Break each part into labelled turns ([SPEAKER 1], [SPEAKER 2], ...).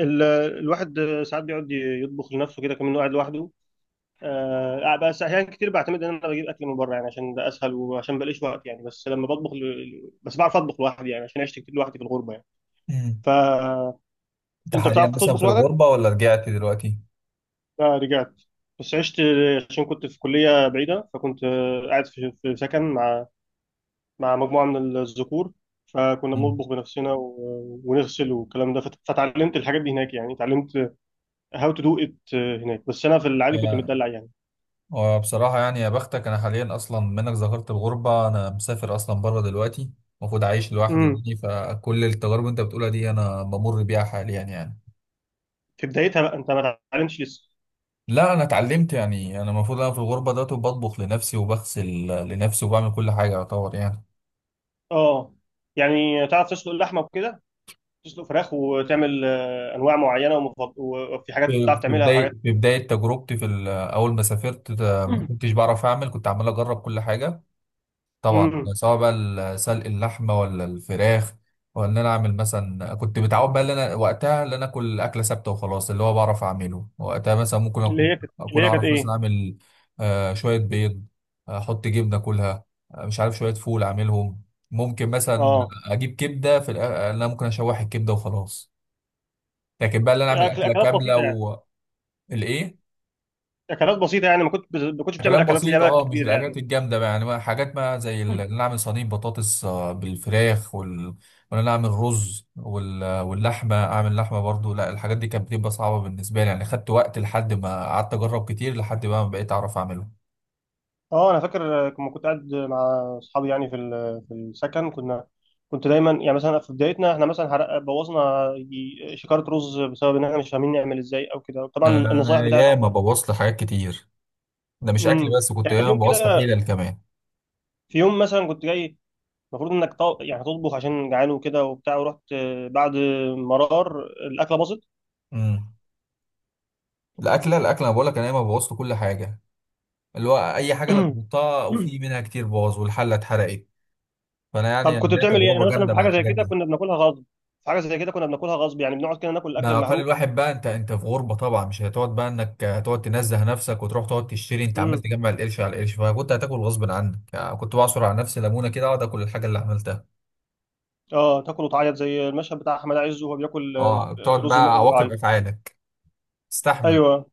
[SPEAKER 1] ال- الواحد ساعات بيقعد يطبخ لنفسه كده، كمان قاعد لوحده. آه، بس احيانا كتير بعتمد ان انا بجيب اكل من بره يعني، عشان ده اسهل وعشان بلاقيش وقت يعني. بس لما بطبخ بس بعرف اطبخ لوحدي يعني، عشان عشت كتير لوحدي في الغربه يعني.
[SPEAKER 2] مم.
[SPEAKER 1] فانت
[SPEAKER 2] انت حاليا
[SPEAKER 1] بتعرف
[SPEAKER 2] مثلا
[SPEAKER 1] تطبخ
[SPEAKER 2] في
[SPEAKER 1] لوحدك؟
[SPEAKER 2] الغربة ولا رجعت دلوقتي؟
[SPEAKER 1] لا، رجعت، بس عشت عشان كنت في كليه بعيده، فكنت قاعد في سكن مع مجموعه من الذكور، فكنا
[SPEAKER 2] مم.
[SPEAKER 1] بنطبخ بنفسنا ونغسل والكلام ده. فتعلمت الحاجات دي هناك يعني، اتعلمت هاو تو دو ات هناك، بس انا في العادي كنت
[SPEAKER 2] يعني
[SPEAKER 1] متدلع يعني.
[SPEAKER 2] وبصراحة يعني يا بختك، أنا حاليا أصلا منك ذكرت الغربة، أنا مسافر أصلا بره دلوقتي المفروض عايش لوحدي
[SPEAKER 1] امم
[SPEAKER 2] يعني. فكل التجارب اللي أنت بتقولها دي أنا بمر بيها حاليا يعني.
[SPEAKER 1] في بدايتها بقى انت ما تعلمش لسه؟
[SPEAKER 2] لا أنا اتعلمت يعني، أنا المفروض أنا في الغربة دلوقتي بطبخ لنفسي وبغسل لنفسي وبعمل كل حاجة يعتبر يعني.
[SPEAKER 1] اه يعني تعرف تسلق اللحمه وكده، تسلق فراخ وتعمل انواع معينه، وفي حاجات
[SPEAKER 2] في
[SPEAKER 1] بتعرف
[SPEAKER 2] في
[SPEAKER 1] تعملها وحاجات.
[SPEAKER 2] بداية في بداية تجربتي في أول ما سافرت ده، ما كنتش بعرف أعمل، كنت عمال أجرب كل حاجة. طبعا
[SPEAKER 1] امم
[SPEAKER 2] سواء بقى سلق اللحمه ولا الفراخ ولا ان انا اعمل مثلا. كنت متعود بقى ان انا وقتها ان انا اكل اكله ثابته وخلاص، اللي هو بعرف اعمله وقتها. مثلا ممكن اكون
[SPEAKER 1] اللي
[SPEAKER 2] اكون
[SPEAKER 1] هي كانت
[SPEAKER 2] اعرف مثلا
[SPEAKER 1] ايه؟
[SPEAKER 2] اعمل شويه بيض، احط جبنه اكلها. مش عارف، شويه فول اعملهم. ممكن مثلا
[SPEAKER 1] اه
[SPEAKER 2] اجيب كبده في انا ممكن اشوح الكبده وخلاص، لكن بقى ان انا اعمل
[SPEAKER 1] اكل
[SPEAKER 2] اكله
[SPEAKER 1] اكلات
[SPEAKER 2] كامله
[SPEAKER 1] بسيطه يعني.
[SPEAKER 2] والايه.
[SPEAKER 1] اكلات بسيطه يعني، ما كنت ما كنتش بتعمل
[SPEAKER 2] اكلات
[SPEAKER 1] اكلات اللي هي
[SPEAKER 2] بسيطه
[SPEAKER 1] بقى
[SPEAKER 2] اه، مش
[SPEAKER 1] كبيره يعني.
[SPEAKER 2] الاكلات الجامده بقى يعني، بقى حاجات بقى زي ان أنا اعمل صينيه بطاطس بالفراخ وان انا اعمل رز واللحمه، اعمل لحمه برضو. لا الحاجات دي كانت بتبقى صعبه بالنسبه لي يعني، خدت وقت لحد ما قعدت اجرب كتير لحد بقى ما بقيت اعرف اعمله.
[SPEAKER 1] اه، انا فاكر، لما كنت قاعد مع اصحابي يعني في في السكن، كنا كنت دايما يعني مثلا في بدايتنا احنا مثلا بوظنا شكاره رز بسبب ان احنا مش فاهمين نعمل ازاي او كده. طبعا النصايح
[SPEAKER 2] انا
[SPEAKER 1] بتاعت.
[SPEAKER 2] ياما بوظت حاجات كتير، ده مش اكل بس، كنت
[SPEAKER 1] يعني انت في
[SPEAKER 2] ياما
[SPEAKER 1] يوم
[SPEAKER 2] بوظت
[SPEAKER 1] كده،
[SPEAKER 2] حيلة كمان.
[SPEAKER 1] في يوم مثلا كنت جاي، المفروض انك يعني تطبخ عشان جعان وكده وبتاع، ورحت بعد مرار الاكله باظت.
[SPEAKER 2] امم الاكله انا بقول لك، انا ياما بوظت كل حاجه، اللي هو اي حاجه انا جربتها وفي منها كتير باظ والحله اتحرقت. فانا يعني
[SPEAKER 1] طب
[SPEAKER 2] أنا
[SPEAKER 1] كنت
[SPEAKER 2] ليا
[SPEAKER 1] بتعمل ايه؟ انا
[SPEAKER 2] تجربه
[SPEAKER 1] مثلا
[SPEAKER 2] جامده
[SPEAKER 1] في
[SPEAKER 2] مع
[SPEAKER 1] حاجه زي
[SPEAKER 2] الحاجات
[SPEAKER 1] كده
[SPEAKER 2] دي.
[SPEAKER 1] كنا بناكلها غصب. في حاجه زي كده كنا بناكلها غصب، يعني بنقعد كده ناكل الاكل
[SPEAKER 2] ما كان
[SPEAKER 1] المحروق.
[SPEAKER 2] الواحد بقى، انت انت في غربه طبعا، مش هتقعد بقى انك هتقعد تنزه نفسك وتروح تقعد تشتري، انت عمال
[SPEAKER 1] امم
[SPEAKER 2] تجمع القرش على القرش، فكنت هتاكل غصب عنك يعني. كنت بعصر على نفسي ليمونه كده اقعد اكل الحاجه اللي عملتها.
[SPEAKER 1] اه، تاكل وتعيط زي المشهد بتاع احمد عز وهو بياكل،
[SPEAKER 2] اه، بتقعد
[SPEAKER 1] رز بلبن
[SPEAKER 2] بقى عواقب
[SPEAKER 1] وبيعيط.
[SPEAKER 2] افعالك، استحمل.
[SPEAKER 1] ايوه.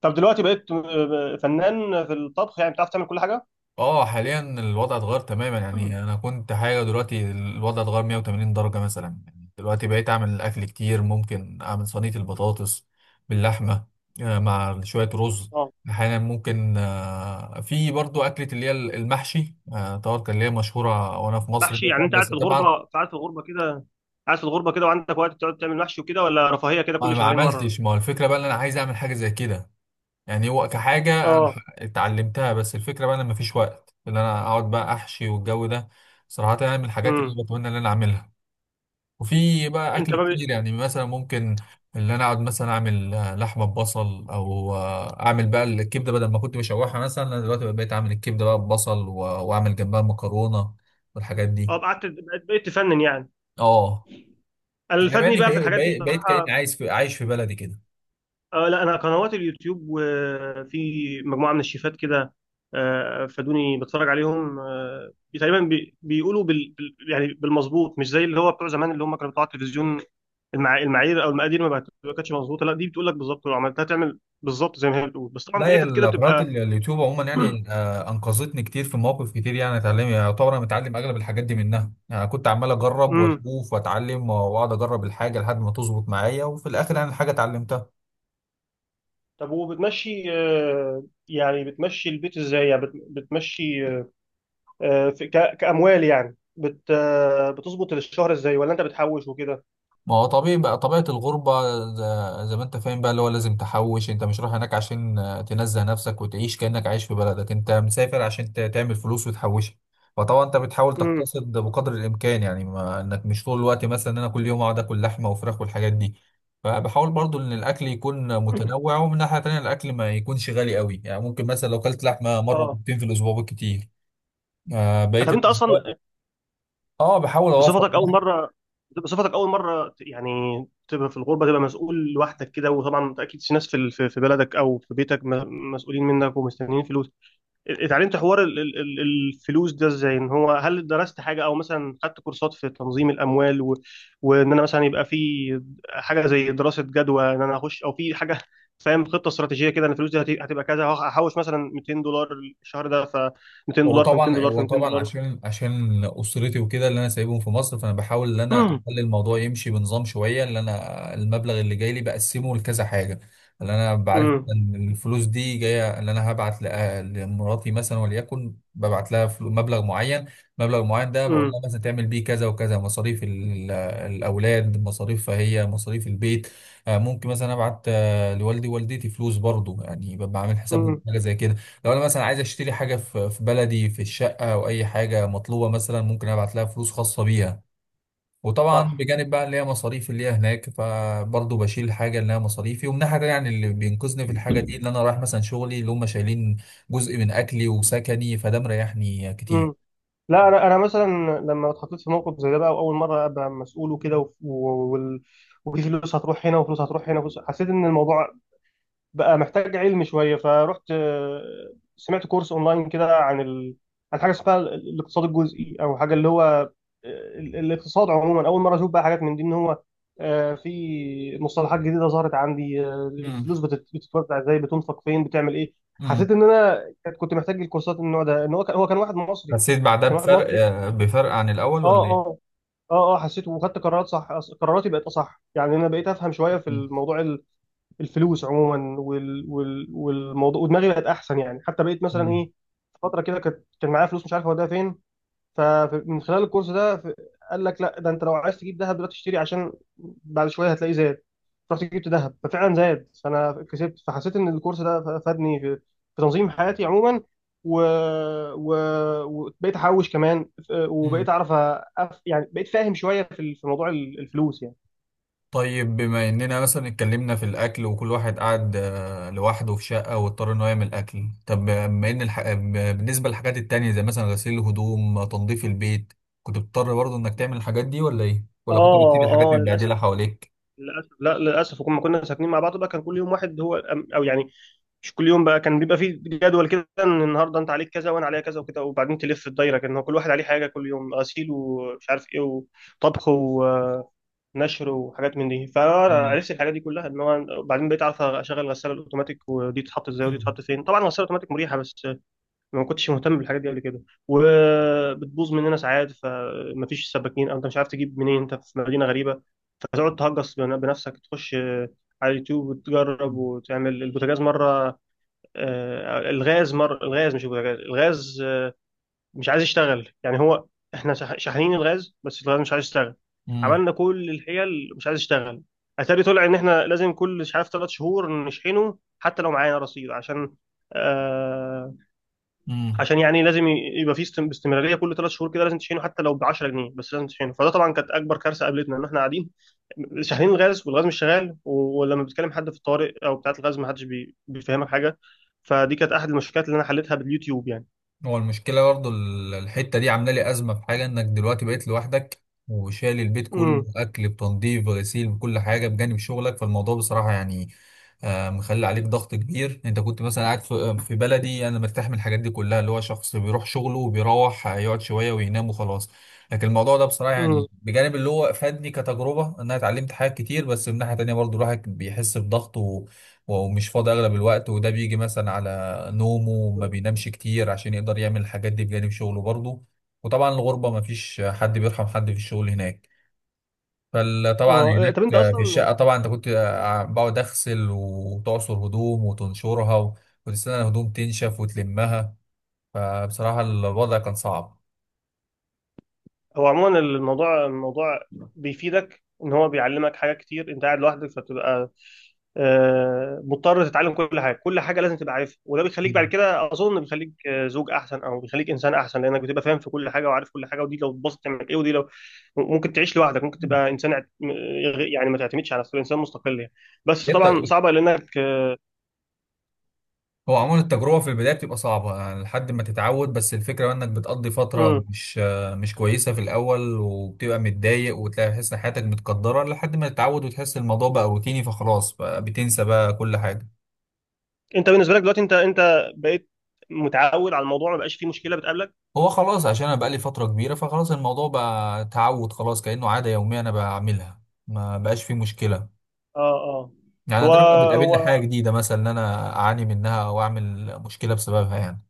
[SPEAKER 1] طب دلوقتي بقيت فنان في الطبخ يعني، بتعرف تعمل كل حاجه؟
[SPEAKER 2] اه، حاليا الوضع اتغير تماما يعني، انا كنت حاجه دلوقتي الوضع اتغير 180 درجه مثلا يعني. دلوقتي بقيت اعمل اكل كتير، ممكن اعمل صينيه البطاطس باللحمه مع شويه رز.
[SPEAKER 1] اه.
[SPEAKER 2] احيانا ممكن في برضو اكله اللي هي المحشي، طبعا كان اللي هي مشهوره وانا في مصر
[SPEAKER 1] محشي، يعني
[SPEAKER 2] مثلا،
[SPEAKER 1] انت قاعد
[SPEAKER 2] بس
[SPEAKER 1] في
[SPEAKER 2] طبعا
[SPEAKER 1] الغربه، قاعد في الغربه كده وعندك وقت تقعد تعمل محشي وكده؟ ولا رفاهيه كده
[SPEAKER 2] انا
[SPEAKER 1] كل
[SPEAKER 2] ما
[SPEAKER 1] شهرين مره؟
[SPEAKER 2] عملتش. ما هو الفكره بقى ان انا عايز اعمل حاجه زي كده يعني، هو كحاجة أنا
[SPEAKER 1] اه.
[SPEAKER 2] اتعلمتها، بس الفكرة بقى أنا مفيش وقت إن أنا أقعد بقى أحشي والجو ده. صراحة يعني من الحاجات اللي
[SPEAKER 1] امم
[SPEAKER 2] أنا بتمنى إن أنا أعملها. وفي بقى
[SPEAKER 1] انت
[SPEAKER 2] أكل
[SPEAKER 1] ما بي...
[SPEAKER 2] كتير يعني، مثلا ممكن إن أنا أقعد مثلا أعمل لحمة ببصل، أو أعمل بقى الكبدة بدل ما كنت بشوحها. مثلا أنا دلوقتي بقيت أعمل الكبدة بقى ببصل وأعمل جنبها مكرونة والحاجات دي.
[SPEAKER 1] اه، قعدت بقيت تفنن يعني.
[SPEAKER 2] أه،
[SPEAKER 1] انا اللي
[SPEAKER 2] يعني بقيت
[SPEAKER 1] فادني بقى في الحاجات دي
[SPEAKER 2] كأني بقيت كأني
[SPEAKER 1] بصراحه،
[SPEAKER 2] عايش في بلدي كده.
[SPEAKER 1] آه، لا، انا قنوات اليوتيوب وفي مجموعه من الشيفات كده، آه، فادوني. بتفرج عليهم، آه، تقريبا يعني بالمظبوط، مش زي اللي هو بتوع زمان اللي هم كانوا بتوع التلفزيون. المعايير او المقادير ما كانتش مظبوطه. لا، دي بتقول لك بالظبط، لو عملتها تعمل بالظبط زي ما هي بتقول، بس طبعا
[SPEAKER 2] لا،
[SPEAKER 1] في
[SPEAKER 2] هي
[SPEAKER 1] حتت كده
[SPEAKER 2] قناة
[SPEAKER 1] بتبقى.
[SPEAKER 2] اليوتيوب عموما يعني أنقذتني كتير في مواقف كتير يعني. اتعلم يعتبر أنا متعلم أغلب الحاجات دي منها يعني، كنت عمال أجرب
[SPEAKER 1] امم
[SPEAKER 2] وأشوف وأتعلم وأقعد أجرب الحاجة لحد ما تظبط معايا، وفي الآخر يعني الحاجة اتعلمتها.
[SPEAKER 1] طب وبتمشي، يعني بتمشي البيت ازاي؟ يعني بتمشي، كأموال يعني، بت آه، بتظبط الشهر ازاي؟ ولا انت بتحوش وكده؟
[SPEAKER 2] ما هو طبيعي بقى طبيعة الغربة، زي ما انت فاهم بقى، اللي هو لازم تحوش. انت مش رايح هناك عشان تنزه نفسك وتعيش كأنك عايش في بلدك، انت مسافر عشان تعمل فلوس وتحوشها. فطبعا انت بتحاول
[SPEAKER 1] امم
[SPEAKER 2] تقتصد بقدر الامكان يعني، ما انك مش طول الوقت مثلا ان انا كل يوم اقعد اكل لحمة وفراخ والحاجات دي. فبحاول برضو ان الاكل يكون متنوع، ومن ناحية تانية الاكل ما يكونش غالي قوي يعني. ممكن مثلا لو كلت لحمة مرة
[SPEAKER 1] اه.
[SPEAKER 2] مرتين في الاسبوع بالكتير، بقية
[SPEAKER 1] طب انت
[SPEAKER 2] الاسبوع
[SPEAKER 1] اصلا،
[SPEAKER 2] اه بحاول اوفر.
[SPEAKER 1] بصفتك اول مره، بصفتك اول مره يعني تبقى في الغربه، تبقى مسؤول لوحدك كده، وطبعا اكيد في ناس في في بلدك او في بيتك مسؤولين منك ومستنيين فلوس، اتعلمت حوار الفلوس ده ازاي؟ ان هو هل درست حاجه او مثلا خدت كورسات في تنظيم الاموال وان انا مثلا يبقى في حاجه زي دراسه جدوى ان انا اخش، او في حاجه فاهم خطه استراتيجيه كده، ان الفلوس دي هتبقى كذا، هحوش مثلا 200 دولار الشهر ده، ف 200
[SPEAKER 2] هو
[SPEAKER 1] دولار في 200
[SPEAKER 2] طبعا
[SPEAKER 1] دولار في
[SPEAKER 2] هو
[SPEAKER 1] 200
[SPEAKER 2] طبعا
[SPEAKER 1] دولار
[SPEAKER 2] عشان اسرتي وكده اللي انا سايبهم في مصر، فانا بحاول ان انا
[SPEAKER 1] امم
[SPEAKER 2] اخلي الموضوع يمشي بنظام شويه. اللي انا المبلغ اللي جاي لي بقسمه لكذا حاجه، اللي انا بعرف
[SPEAKER 1] امم
[SPEAKER 2] ان الفلوس دي جايه. اللي انا هبعت لمراتي مثلا وليكن، ببعت لها مبلغ معين ده بقول
[SPEAKER 1] امم
[SPEAKER 2] لها مثلا تعمل بيه كذا وكذا، مصاريف الاولاد، مصاريف فهي مصاريف البيت. ممكن مثلا ابعت لوالدي ووالدتي فلوس برضو يعني، ببقى عامل حساب
[SPEAKER 1] امم
[SPEAKER 2] حاجه زي كده. لو انا مثلا عايز اشتري حاجه في بلدي في الشقه او اي حاجه مطلوبه مثلا، ممكن ابعت لها فلوس خاصه بيها. وطبعا
[SPEAKER 1] صح.
[SPEAKER 2] بجانب بقى اللي هي مصاريف اللي هي هناك، فبرضه بشيل الحاجه اللي هي مصاريفي. ومن ناحيه تانية يعني، اللي بينقذني في الحاجه دي اللي انا رايح مثلا شغلي اللي هم شايلين جزء من اكلي وسكني، فده مريحني كتير.
[SPEAKER 1] امم لا انا، مثلا لما اتحطيت في موقف زي ده بقى، واول مره ابقى مسؤول وكده وال- وفي فلوس هتروح هنا وفلوس هتروح هنا حسيت ان الموضوع بقى محتاج علم شويه، فرحت، سمعت كورس اونلاين كده عن عن حاجه اسمها الاقتصاد الجزئي او حاجه، اللي هو الاقتصاد عموما. اول مره اشوف بقى حاجات من دي، ان هو في مصطلحات جديده ظهرت عندي،
[SPEAKER 2] مم.
[SPEAKER 1] الفلوس بتتوزع ازاي، بتنفق فين، بتعمل ايه.
[SPEAKER 2] مم.
[SPEAKER 1] حسيت ان انا كنت محتاج الكورسات من النوع ده. ان هو كان واحد مصري،
[SPEAKER 2] حسيت بعدها
[SPEAKER 1] كان واحد
[SPEAKER 2] بفرق
[SPEAKER 1] مصري.
[SPEAKER 2] بفرق عن الاول
[SPEAKER 1] اه
[SPEAKER 2] ولا
[SPEAKER 1] اه.
[SPEAKER 2] ايه؟
[SPEAKER 1] اه اه، حسيت وخدت قرارات صح، قراراتي بقت اصح يعني، انا بقيت افهم شويه في
[SPEAKER 2] مم.
[SPEAKER 1] الموضوع، الفلوس عموما والموضوع، ودماغي بقت احسن يعني. حتى بقيت مثلا
[SPEAKER 2] مم.
[SPEAKER 1] ايه، فتره كده كانت، كان معايا فلوس مش عارف اوديها فين، فمن خلال الكورس ده قال لك لا، ده انت لو عايز تجيب ذهب دلوقتي اشتري، عشان بعد شويه هتلاقيه زاد. رحت جبت ذهب، ففعلا زاد، فانا كسبت. فحسيت ان الكورس ده فادني في, في تنظيم حياتي عموما، و... و... وبقيت احوش كمان، وبقيت
[SPEAKER 2] مم.
[SPEAKER 1] اعرف يعني بقيت فاهم شويه في في موضوع الفلوس يعني.
[SPEAKER 2] طيب، بما اننا مثلا اتكلمنا في الاكل وكل واحد قعد لوحده في شقه واضطر ان هو يعمل اكل، طب بما ان بالنسبه للحاجات التانية زي مثلا غسيل الهدوم، تنظيف البيت، كنت بتضطر برضه انك تعمل الحاجات دي ولا ايه؟ ولا كنت بتسيب
[SPEAKER 1] اه
[SPEAKER 2] الحاجات
[SPEAKER 1] اه، للاسف.
[SPEAKER 2] متبهدله حواليك؟
[SPEAKER 1] للاسف، لا للاسف. وكنا، كنا ساكنين مع بعض بقى، كان كل يوم واحد، هو او يعني مش كل يوم بقى، كان بيبقى فيه جدول كده، ان النهارده انت عليك كذا وانا عليا كذا وكده، وبعدين تلف الدايره، كان هو كل واحد عليه حاجه كل يوم، غسيل ومش عارف ايه وطبخ ونشر وحاجات من دي.
[SPEAKER 2] مم.
[SPEAKER 1] فعرفت الحاجات دي كلها، ان هو بعدين بقيت اعرف اشغل الغساله الاوتوماتيك، ودي تتحط ازاي، ودي تتحط فين. طبعا الغساله الاوتوماتيك مريحه، بس ما كنتش مهتم بالحاجات دي قبل كده. وبتبوظ مننا ساعات، فمفيش سباكين او انت مش عارف تجيب منين، انت في مدينه غريبه. هتقعد تهجص بنفسك، تخش، على اليوتيوب وتجرب، وتعمل البوتاجاز مرة، الغاز مرة، الغاز مش البوتاجاز، الغاز مش عايز يشتغل يعني. هو احنا شاحنين الغاز، بس الغاز مش عايز يشتغل.
[SPEAKER 2] مم.
[SPEAKER 1] عملنا كل الحيل مش عايز يشتغل. اتاري طلع ان احنا لازم كل مش عارف 3 شهور نشحنه، حتى لو معانا رصيد، عشان آه،
[SPEAKER 2] امم
[SPEAKER 1] عشان يعني لازم يبقى في استمراريه، كل 3 شهور كده لازم تشحنه حتى لو ب 10 جنيه، بس لازم تشحنه. فده طبعا كانت اكبر كارثه قابلتنا، ان احنا قاعدين شاحنين الغاز والغاز مش شغال، ولما بتكلم حد في الطوارئ او بتاعه الغاز ما حدش بيفهمك حاجه. فدي كانت احد المشكلات اللي انا حليتها باليوتيوب يعني.
[SPEAKER 2] هو المشكلة برضو الحتة دي عاملة لي أزمة في حاجة، إنك دلوقتي بقيت لوحدك وشايل البيت كله،
[SPEAKER 1] امم
[SPEAKER 2] أكل بتنظيف غسيل بكل حاجة بجانب شغلك. فالموضوع بصراحة يعني مخلي عليك ضغط كبير. أنت كنت مثلا قاعد في بلدي، أنا مرتاح من الحاجات دي كلها، اللي هو شخص بيروح شغله وبيروح يقعد شوية وينام وخلاص. لكن الموضوع ده بصراحة
[SPEAKER 1] امم
[SPEAKER 2] يعني، بجانب اللي هو فادني كتجربة إن أنا اتعلمت حاجات كتير، بس من ناحية تانية برضو الواحد بيحس بضغط ومش فاضي أغلب الوقت. وده بيجي مثلا على نومه، ما بينامش كتير عشان يقدر يعمل الحاجات دي بجانب شغله برضه. وطبعا الغربة ما فيش حد بيرحم حد في الشغل هناك، فطبعا
[SPEAKER 1] اه،
[SPEAKER 2] هناك
[SPEAKER 1] طب انت
[SPEAKER 2] في
[SPEAKER 1] اصلا،
[SPEAKER 2] الشقة طبعا انت كنت، بقعد اغسل وتعصر هدوم وتنشرها وتستنى الهدوم تنشف وتلمها. فبصراحة الوضع كان صعب.
[SPEAKER 1] هو عموما الموضوع بيفيدك، ان هو بيعلمك حاجات كتير، انت قاعد لوحدك، فتبقى مضطر تتعلم كل حاجه، كل حاجه لازم تبقى عارفها، وده بيخليك بعد كده اظن بيخليك زوج احسن، او بيخليك انسان احسن، لانك بتبقى فاهم في كل حاجه وعارف كل حاجه، ودي لو اتبسطت تعمل ايه، ودي لو ممكن تعيش لوحدك، ممكن تبقى انسان يعني ما تعتمدش على نفسك، انسان مستقل يعني. بس
[SPEAKER 2] انت
[SPEAKER 1] طبعا صعبه لانك آه.
[SPEAKER 2] هو عموما التجربة في البداية بتبقى صعبة يعني لحد ما تتعود، بس الفكرة بقى انك بتقضي فترة
[SPEAKER 1] مم.
[SPEAKER 2] مش كويسة في الأول، وبتبقى متضايق وتلاقي تحس إن حياتك متقدرة لحد ما تتعود، وتحس الموضوع بقى روتيني فخلاص بقى بتنسى بقى كل حاجة.
[SPEAKER 1] انت بالنسبه لك دلوقتي، انت بقيت متعود على الموضوع، ما بقاش فيه مشكله بتقابلك؟
[SPEAKER 2] هو خلاص عشان أنا بقالي فترة كبيرة، فخلاص الموضوع بقى تعود، خلاص كأنه عادة يومية أنا بعملها، ما بقاش فيه مشكلة.
[SPEAKER 1] اه اه.
[SPEAKER 2] يعني
[SPEAKER 1] هو
[SPEAKER 2] نادرا ما
[SPEAKER 1] هو
[SPEAKER 2] بتقابلني حاجة جديدة مثلا إن أنا أعاني منها أو أعمل مشكلة بسببها يعني.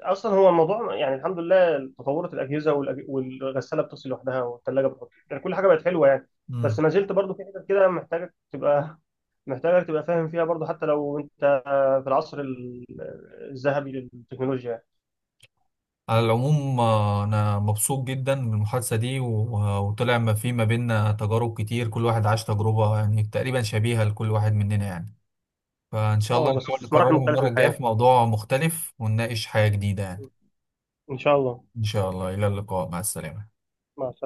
[SPEAKER 1] اصلا هو الموضوع يعني، الحمد لله تطورت الاجهزه والغساله بتغسل لوحدها، والثلاجه بتحط، يعني كل حاجه بقت حلوه يعني. بس ما زلت برضو في حاجات كده محتاجك تبقى محتاجك تبقى فاهم فيها برضو، حتى لو انت في العصر الذهبي للتكنولوجيا يعني.
[SPEAKER 2] على العموم أنا مبسوط جدا من المحادثة دي، وطلع ما في ما بيننا تجارب كتير، كل واحد عاش تجربة يعني تقريبا شبيهة لكل واحد مننا يعني. فإن شاء الله
[SPEAKER 1] اه، بس
[SPEAKER 2] نحاول
[SPEAKER 1] في مراحل
[SPEAKER 2] نكررها
[SPEAKER 1] مختلفه
[SPEAKER 2] المرة
[SPEAKER 1] من
[SPEAKER 2] الجاية
[SPEAKER 1] الحياه.
[SPEAKER 2] في موضوع مختلف ونناقش حاجة جديدة يعني.
[SPEAKER 1] ان شاء الله.
[SPEAKER 2] إن شاء الله، إلى اللقاء، مع السلامة.
[SPEAKER 1] مع السلامه.